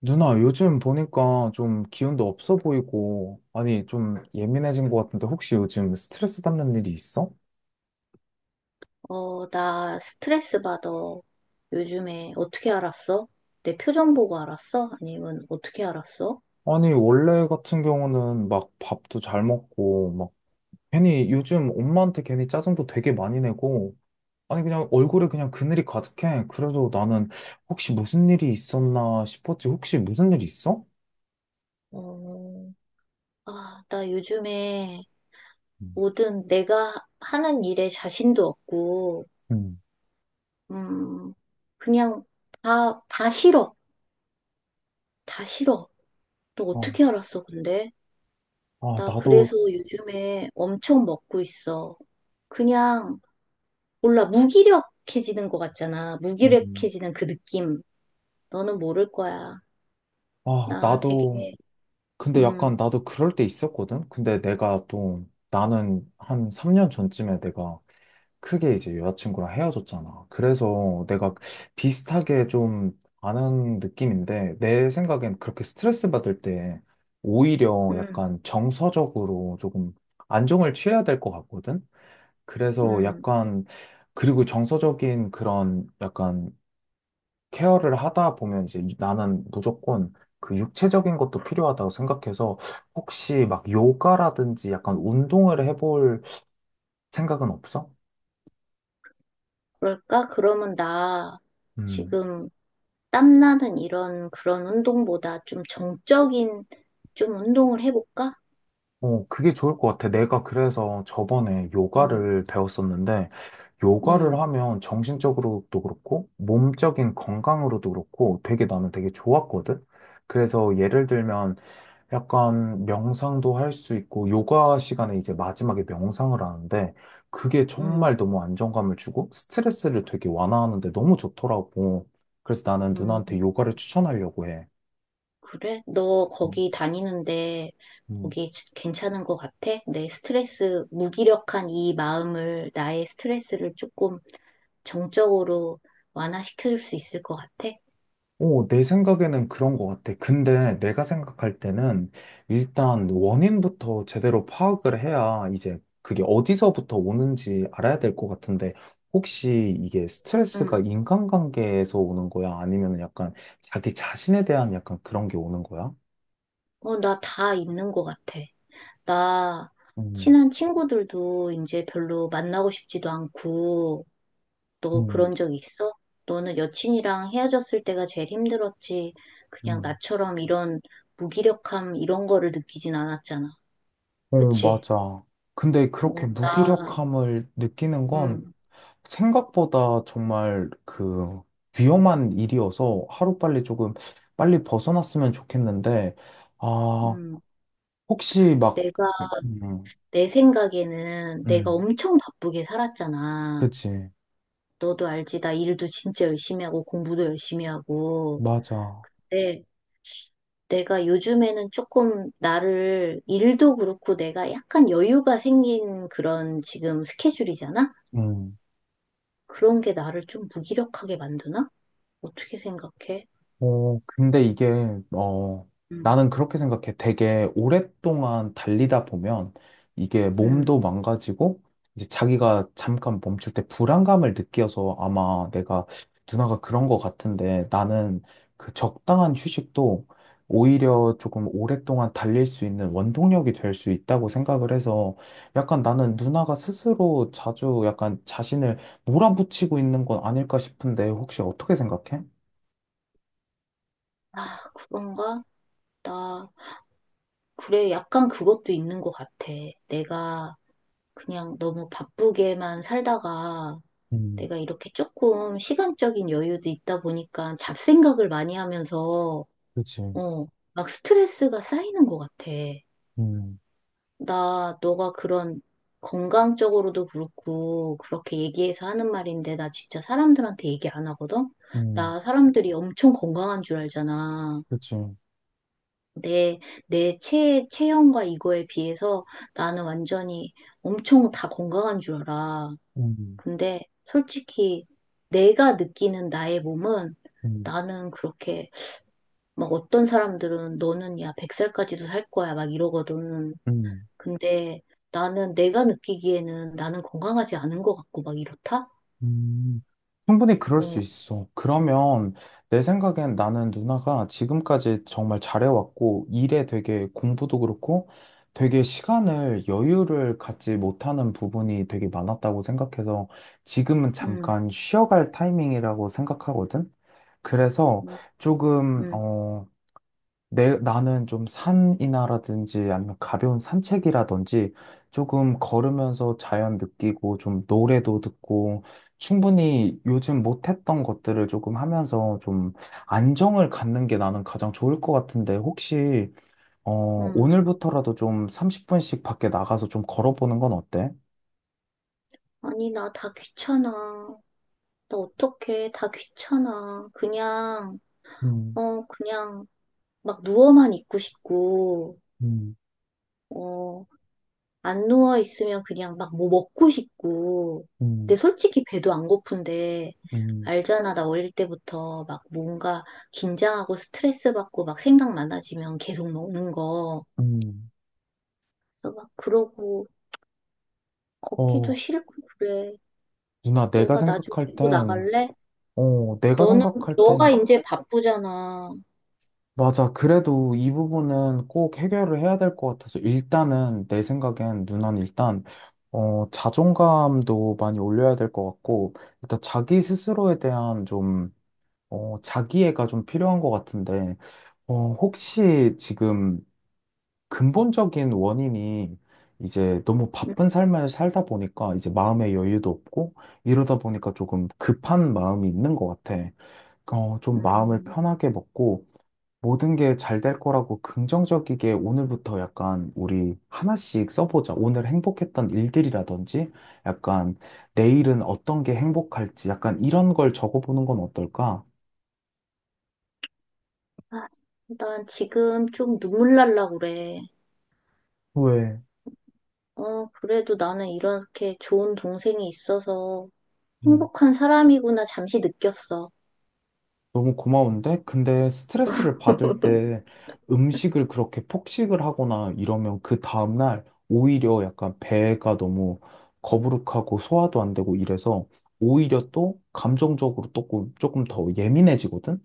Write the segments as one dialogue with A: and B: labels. A: 누나, 요즘 보니까 좀 기운도 없어 보이고, 아니, 좀 예민해진 것 같은데, 혹시 요즘 스트레스 받는 일이 있어?
B: 어, 나 스트레스 받아. 요즘에 어떻게 알았어? 내 표정 보고 알았어? 아니면 어떻게 알았어?
A: 아니, 원래 같은 경우는 막 밥도 잘 먹고, 막 괜히 요즘 엄마한테 괜히 짜증도 되게 많이 내고, 아니, 그냥 얼굴에 그냥 그늘이 가득해. 그래도 나는 혹시 무슨 일이 있었나 싶었지. 혹시 무슨 일이 있어?
B: 어, 아, 나 요즘에
A: 음.
B: 모든 내가 하는 일에 자신도 없고,
A: 음.
B: 음, 그냥 다 싫어. 다 싫어. 너
A: 어,
B: 어떻게 알았어, 근데?
A: 아,
B: 나
A: 나도,
B: 그래서 요즘에 엄청 먹고 있어. 그냥, 몰라, 무기력해지는 것 같잖아.
A: 음.
B: 무기력해지는 그 느낌. 너는 모를 거야.
A: 아,
B: 나
A: 나도
B: 되게,
A: 근데 약간
B: 음,
A: 나도 그럴 때 있었거든? 근데 내가 또 나는 한 3년 전쯤에 내가 크게 이제 여자친구랑 헤어졌잖아. 그래서 내가 비슷하게 좀 아는 느낌인데 내 생각엔 그렇게 스트레스 받을 때 오히려
B: 음,
A: 약간 정서적으로 조금 안정을 취해야 될 것 같거든? 그래서
B: 음.
A: 약간 그리고 정서적인 그런 약간 케어를 하다 보면 이제 나는 무조건 그 육체적인 것도 필요하다고 생각해서 혹시 막 요가라든지 약간 운동을 해볼 생각은 없어?
B: 그럴까? 그러면 나
A: 음.
B: 지금 땀나는 이런 그런 운동보다 좀 정적인 좀 운동을 해볼까?
A: 어, 그게 좋을 것 같아. 내가 그래서 저번에
B: 음,
A: 요가를 배웠었는데, 요가를
B: 음,
A: 하면 정신적으로도 그렇고, 몸적인 건강으로도 그렇고, 되게 나는 되게 좋았거든? 그래서 예를 들면, 약간 명상도 할 수 있고, 요가 시간에 이제 마지막에 명상을 하는데, 그게
B: 음,
A: 정말 너무 안정감을 주고, 스트레스를 되게 완화하는데 너무 좋더라고. 그래서 나는 누나한테
B: 음.
A: 요가를 추천하려고 해.
B: 그래? 너 거기 다니는데
A: 음.
B: 거기 괜찮은 것 같아? 내 스트레스, 무기력한 이 마음을, 나의 스트레스를 조금 정적으로 완화시켜줄 수 있을 것 같아?
A: 오, 내 생각에는 그런 것 같아. 근데 내가 생각할 때는 일단 원인부터 제대로 파악을 해야 이제 그게 어디서부터 오는지 알아야 될 것 같은데 혹시 이게 스트레스가
B: 응.
A: 인간관계에서 오는 거야? 아니면 약간 자기 자신에 대한 약간 그런 게 오는 거야?
B: 어, 나 다 있는 것 같아. 나
A: 음,
B: 친한 친구들도 이제 별로 만나고 싶지도 않고, 너
A: 음,
B: 그런 적 있어? 너는 여친이랑 헤어졌을 때가 제일 힘들었지. 그냥
A: 음.
B: 나처럼 이런 무기력함 이런 거를 느끼진 않았잖아.
A: 어,
B: 그치?
A: 맞아. 근데 그렇게
B: 어, 나,
A: 무기력함을 느끼는 건
B: 음,
A: 생각보다 정말 그 위험한 일이어서 하루빨리 조금 빨리 벗어났으면 좋겠는데, 아,
B: 음,
A: 혹시 막,
B: 내가,
A: 음,
B: 내 생각에는 내가
A: 음,
B: 엄청 바쁘게 살았잖아.
A: 그치.
B: 너도 알지? 나 일도 진짜 열심히 하고 공부도 열심히 하고.
A: 맞아.
B: 내, 내가 요즘에는 조금 나를 일도 그렇고 내가 약간 여유가 생긴 그런 지금 스케줄이잖아?
A: 음.
B: 그런 게 나를 좀 무기력하게 만드나? 어떻게 생각해?
A: 어, 근데 이게, 어,
B: 음,
A: 나는 그렇게 생각해. 되게 오랫동안 달리다 보면 이게
B: 음.
A: 몸도 망가지고, 이제 자기가 잠깐 멈출 때 불안감을 느껴서 아마 내가 누나가 그런 것 같은데 나는 그 적당한 휴식도 오히려 조금 오랫동안 달릴 수 있는 원동력이 될 수 있다고 생각을 해서 약간 나는 누나가 스스로 자주 약간 자신을 몰아붙이고 있는 건 아닐까 싶은데 혹시 어떻게 생각해?
B: 아, 그런가? 나, 그래, 약간 그것도 있는 것 같아. 내가 그냥 너무 바쁘게만 살다가
A: 음.
B: 내가 이렇게 조금 시간적인 여유도 있다 보니까 잡생각을 많이 하면서,
A: 그치.
B: 어, 막 스트레스가 쌓이는 것 같아.
A: 음,
B: 나 너가 그런 건강적으로도 그렇고 그렇게 얘기해서 하는 말인데 나 진짜 사람들한테 얘기 안 하거든?
A: 음,
B: 나 사람들이 엄청 건강한 줄 알잖아.
A: 그치.
B: 내, 내 체형과 이거에 비해서 나는 완전히 엄청 다 건강한 줄 알아. 근데 솔직히 내가 느끼는 나의 몸은
A: 음,
B: 나는 그렇게 막 어떤 사람들은 너는 야 100살까지도 살 거야 막 이러거든.
A: 음,
B: 근데 나는 내가 느끼기에는 나는 건강하지 않은 것 같고 막 이렇다?
A: 음. 충분히 그럴
B: 응,
A: 수 있어. 그러면 내 생각엔 나는 누나가 지금까지 정말 잘해왔고, 일에 되게 공부도 그렇고, 되게 시간을 여유를 갖지 못하는 부분이 되게 많았다고 생각해서 지금은
B: 응,
A: 잠깐 쉬어갈 타이밍이라고 생각하거든. 그래서
B: 응,
A: 조금,
B: 응,
A: 어, 나는 좀 산이나라든지 아니면 가벼운 산책이라든지 조금 걸으면서 자연 느끼고 좀 노래도 듣고 충분히 요즘 못했던 것들을 조금 하면서 좀 안정을 갖는 게 나는 가장 좋을 것 같은데 혹시, 어,
B: 응.
A: 오늘부터라도 좀 30분씩 밖에 나가서 좀 걸어보는 건 어때?
B: 아니, 나 다 귀찮아. 나 어떡해. 다 귀찮아. 그냥,
A: 음,
B: 어, 그냥 막 누워만 있고 싶고,
A: 음,
B: 어, 안 누워 있으면 그냥 막 뭐 먹고 싶고.
A: 음,
B: 근데 솔직히 배도 안 고픈데,
A: 음,
B: 알잖아. 나 어릴 때부터 막 뭔가 긴장하고 스트레스 받고 막 생각 많아지면 계속 먹는 거.
A: 음.
B: 그래서 막 그러고 걷기도
A: 어,
B: 싫고 그래.
A: 누나, 내가
B: 너가 나 좀
A: 생각할
B: 데리고
A: 땐,
B: 나갈래?
A: 어, 내가
B: 너는
A: 생각할
B: 너가
A: 땐
B: 이제 바쁘잖아.
A: 맞아. 그래도 이 부분은 꼭 해결을 해야 될 것 같아서 일단은 내 생각엔 누난 일단 어, 자존감도 많이 올려야 될 것 같고 일단 자기 스스로에 대한 좀 어, 자기애가 좀 필요한 것 같은데 어, 혹시 지금 근본적인 원인이 이제 너무
B: 음,
A: 바쁜 삶을 살다 보니까 이제 마음의 여유도 없고 이러다 보니까 조금 급한 마음이 있는 것 같아. 어, 좀 마음을
B: 음.
A: 편하게 먹고 모든 게 잘 될 거라고 긍정적이게 오늘부터 약간 우리 하나씩 써보자. 오늘 행복했던 일들이라든지 약간 내일은 어떤 게 행복할지 약간 이런 걸 적어보는 건 어떨까?
B: 아, 난 지금 좀 눈물 날라 그래.
A: 왜?
B: 어, 그래도 나는 이렇게 좋은 동생이 있어서
A: 음,
B: 행복한 사람이구나 잠시 느꼈어.
A: 너무 고마운데? 근데 스트레스를 받을 때 음식을 그렇게 폭식을 하거나 이러면 그 다음날 오히려 약간 배가 너무 거부룩하고 소화도 안 되고 이래서 오히려 또 감정적으로 조금 더 예민해지거든?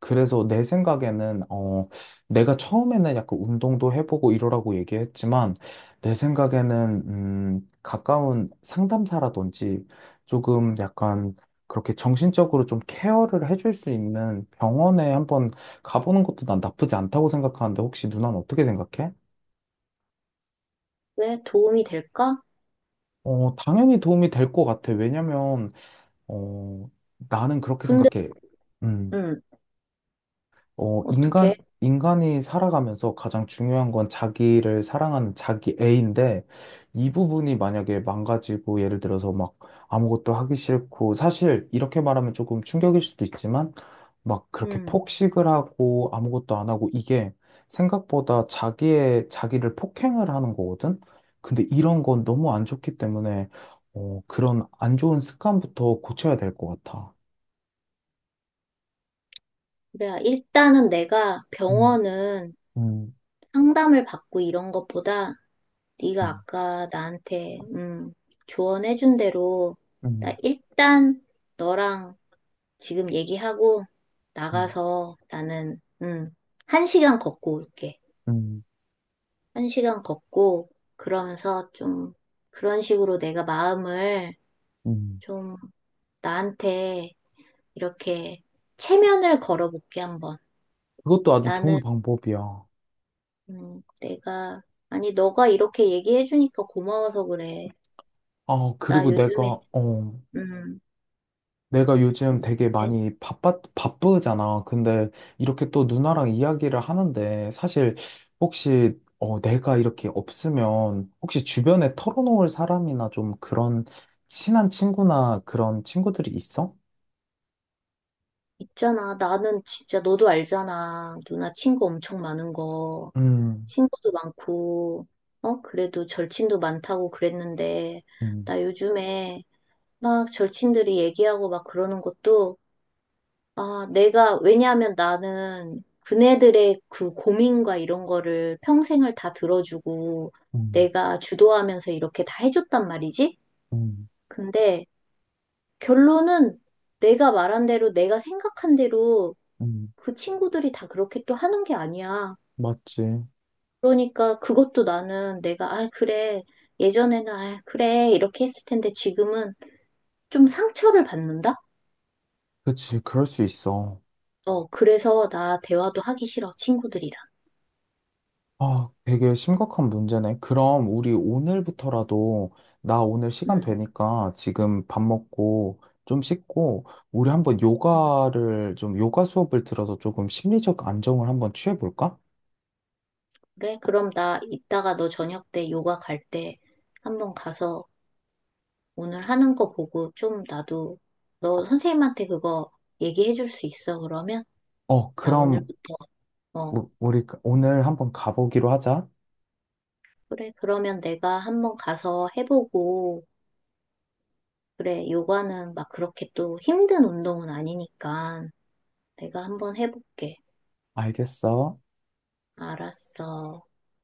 A: 그래서 내 생각에는, 어, 내가 처음에는 약간 운동도 해보고 이러라고 얘기했지만, 내 생각에는, 가까운 상담사라든지 조금 약간 그렇게 정신적으로 좀 케어를 해줄 수 있는 병원에 한번 가보는 것도 난 나쁘지 않다고 생각하는데, 혹시 누나는 어떻게 생각해?
B: 왜 도움이 될까?
A: 어, 당연히 도움이 될 것 같아. 왜냐면, 어, 나는 그렇게
B: 근데
A: 생각해. 음.
B: 음,
A: 어,
B: 어떻게?
A: 인간이 살아가면서 가장 중요한 건 자기를 사랑하는 자기 애인데, 이 부분이 만약에 망가지고, 예를 들어서 막 아무것도 하기 싫고, 사실 이렇게 말하면 조금 충격일 수도 있지만, 막 그렇게
B: 음,
A: 폭식을 하고, 아무것도 안 하고, 이게 생각보다 자기를 폭행을 하는 거거든? 근데 이런 건 너무 안 좋기 때문에, 어, 그런 안 좋은 습관부터 고쳐야 될 것 같아.
B: 그래. 일단은 내가
A: 음,
B: 병원은
A: 음,
B: 상담을 받고 이런 것보다 네가
A: 음.
B: 아까 나한테 조언해준 대로 나
A: 음,
B: 일단 너랑 지금 얘기하고
A: 음,
B: 나가서 나는 1시간 걷고 올게.
A: 음.
B: 1시간 걷고 그러면서 좀 그런 식으로 내가 마음을
A: 음,
B: 좀 나한테 이렇게 체면을 걸어볼게 한번.
A: 그것도 아주
B: 나는
A: 좋은 방법이야.
B: 내가 아니 너가 이렇게 얘기해주니까 고마워서 그래.
A: 아,
B: 나
A: 그리고 내가,
B: 요즘에
A: 어,
B: 음,
A: 내가 요즘 되게 많이 바쁘잖아. 근데 이렇게 또 누나랑 이야기를 하는데 사실 혹시, 어, 내가 이렇게 없으면 혹시 주변에 털어놓을 사람이나 좀 그런 친한 친구나 그런 친구들이 있어?
B: 있잖아. 나는 진짜 너도 알잖아. 누나 친구 엄청 많은 거.
A: 음,
B: 친구도 많고, 어? 그래도 절친도 많다고 그랬는데,
A: 음,
B: 나 요즘에 막 절친들이 얘기하고 막 그러는 것도, 아, 내가, 왜냐하면 나는 그네들의 그 고민과 이런 거를 평생을 다 들어주고,
A: 음,
B: 내가 주도하면서 이렇게 다 해줬단 말이지?
A: 음,
B: 근데 결론은 내가 말한 대로, 내가 생각한 대로
A: 음,
B: 그 친구들이 다 그렇게 또 하는 게 아니야.
A: 맞지.
B: 그러니까 그것도 나는 내가, 아, 그래. 예전에는, 아, 그래. 이렇게 했을 텐데 지금은 좀 상처를 받는다?
A: 그치, 그럴 수 있어.
B: 어, 그래서 나 대화도 하기 싫어. 친구들이랑.
A: 아, 되게 심각한 문제네. 그럼 우리 오늘부터라도 나 오늘 시간
B: 음,
A: 되니까 지금 밥 먹고 좀 씻고 우리 한번
B: 음,
A: 요가를 좀 요가 수업을 들어서 조금 심리적 안정을 한번 취해볼까?
B: 그래? 그럼 나 이따가 너 저녁 때 요가 갈 때 한번 가서 오늘 하는 거 보고 좀 나도 너 선생님한테 그거 얘기해 줄 수 있어. 그러면
A: 어,
B: 나
A: 그럼
B: 오늘부터, 어,
A: 우리 그 오늘 한번 가보기로 하자.
B: 그래. 그러면 내가 한번 가서 해보고 그래, 요가는 막 그렇게 또 힘든 운동은 아니니까 내가 한번 해볼게.
A: 알겠어.
B: 알았어.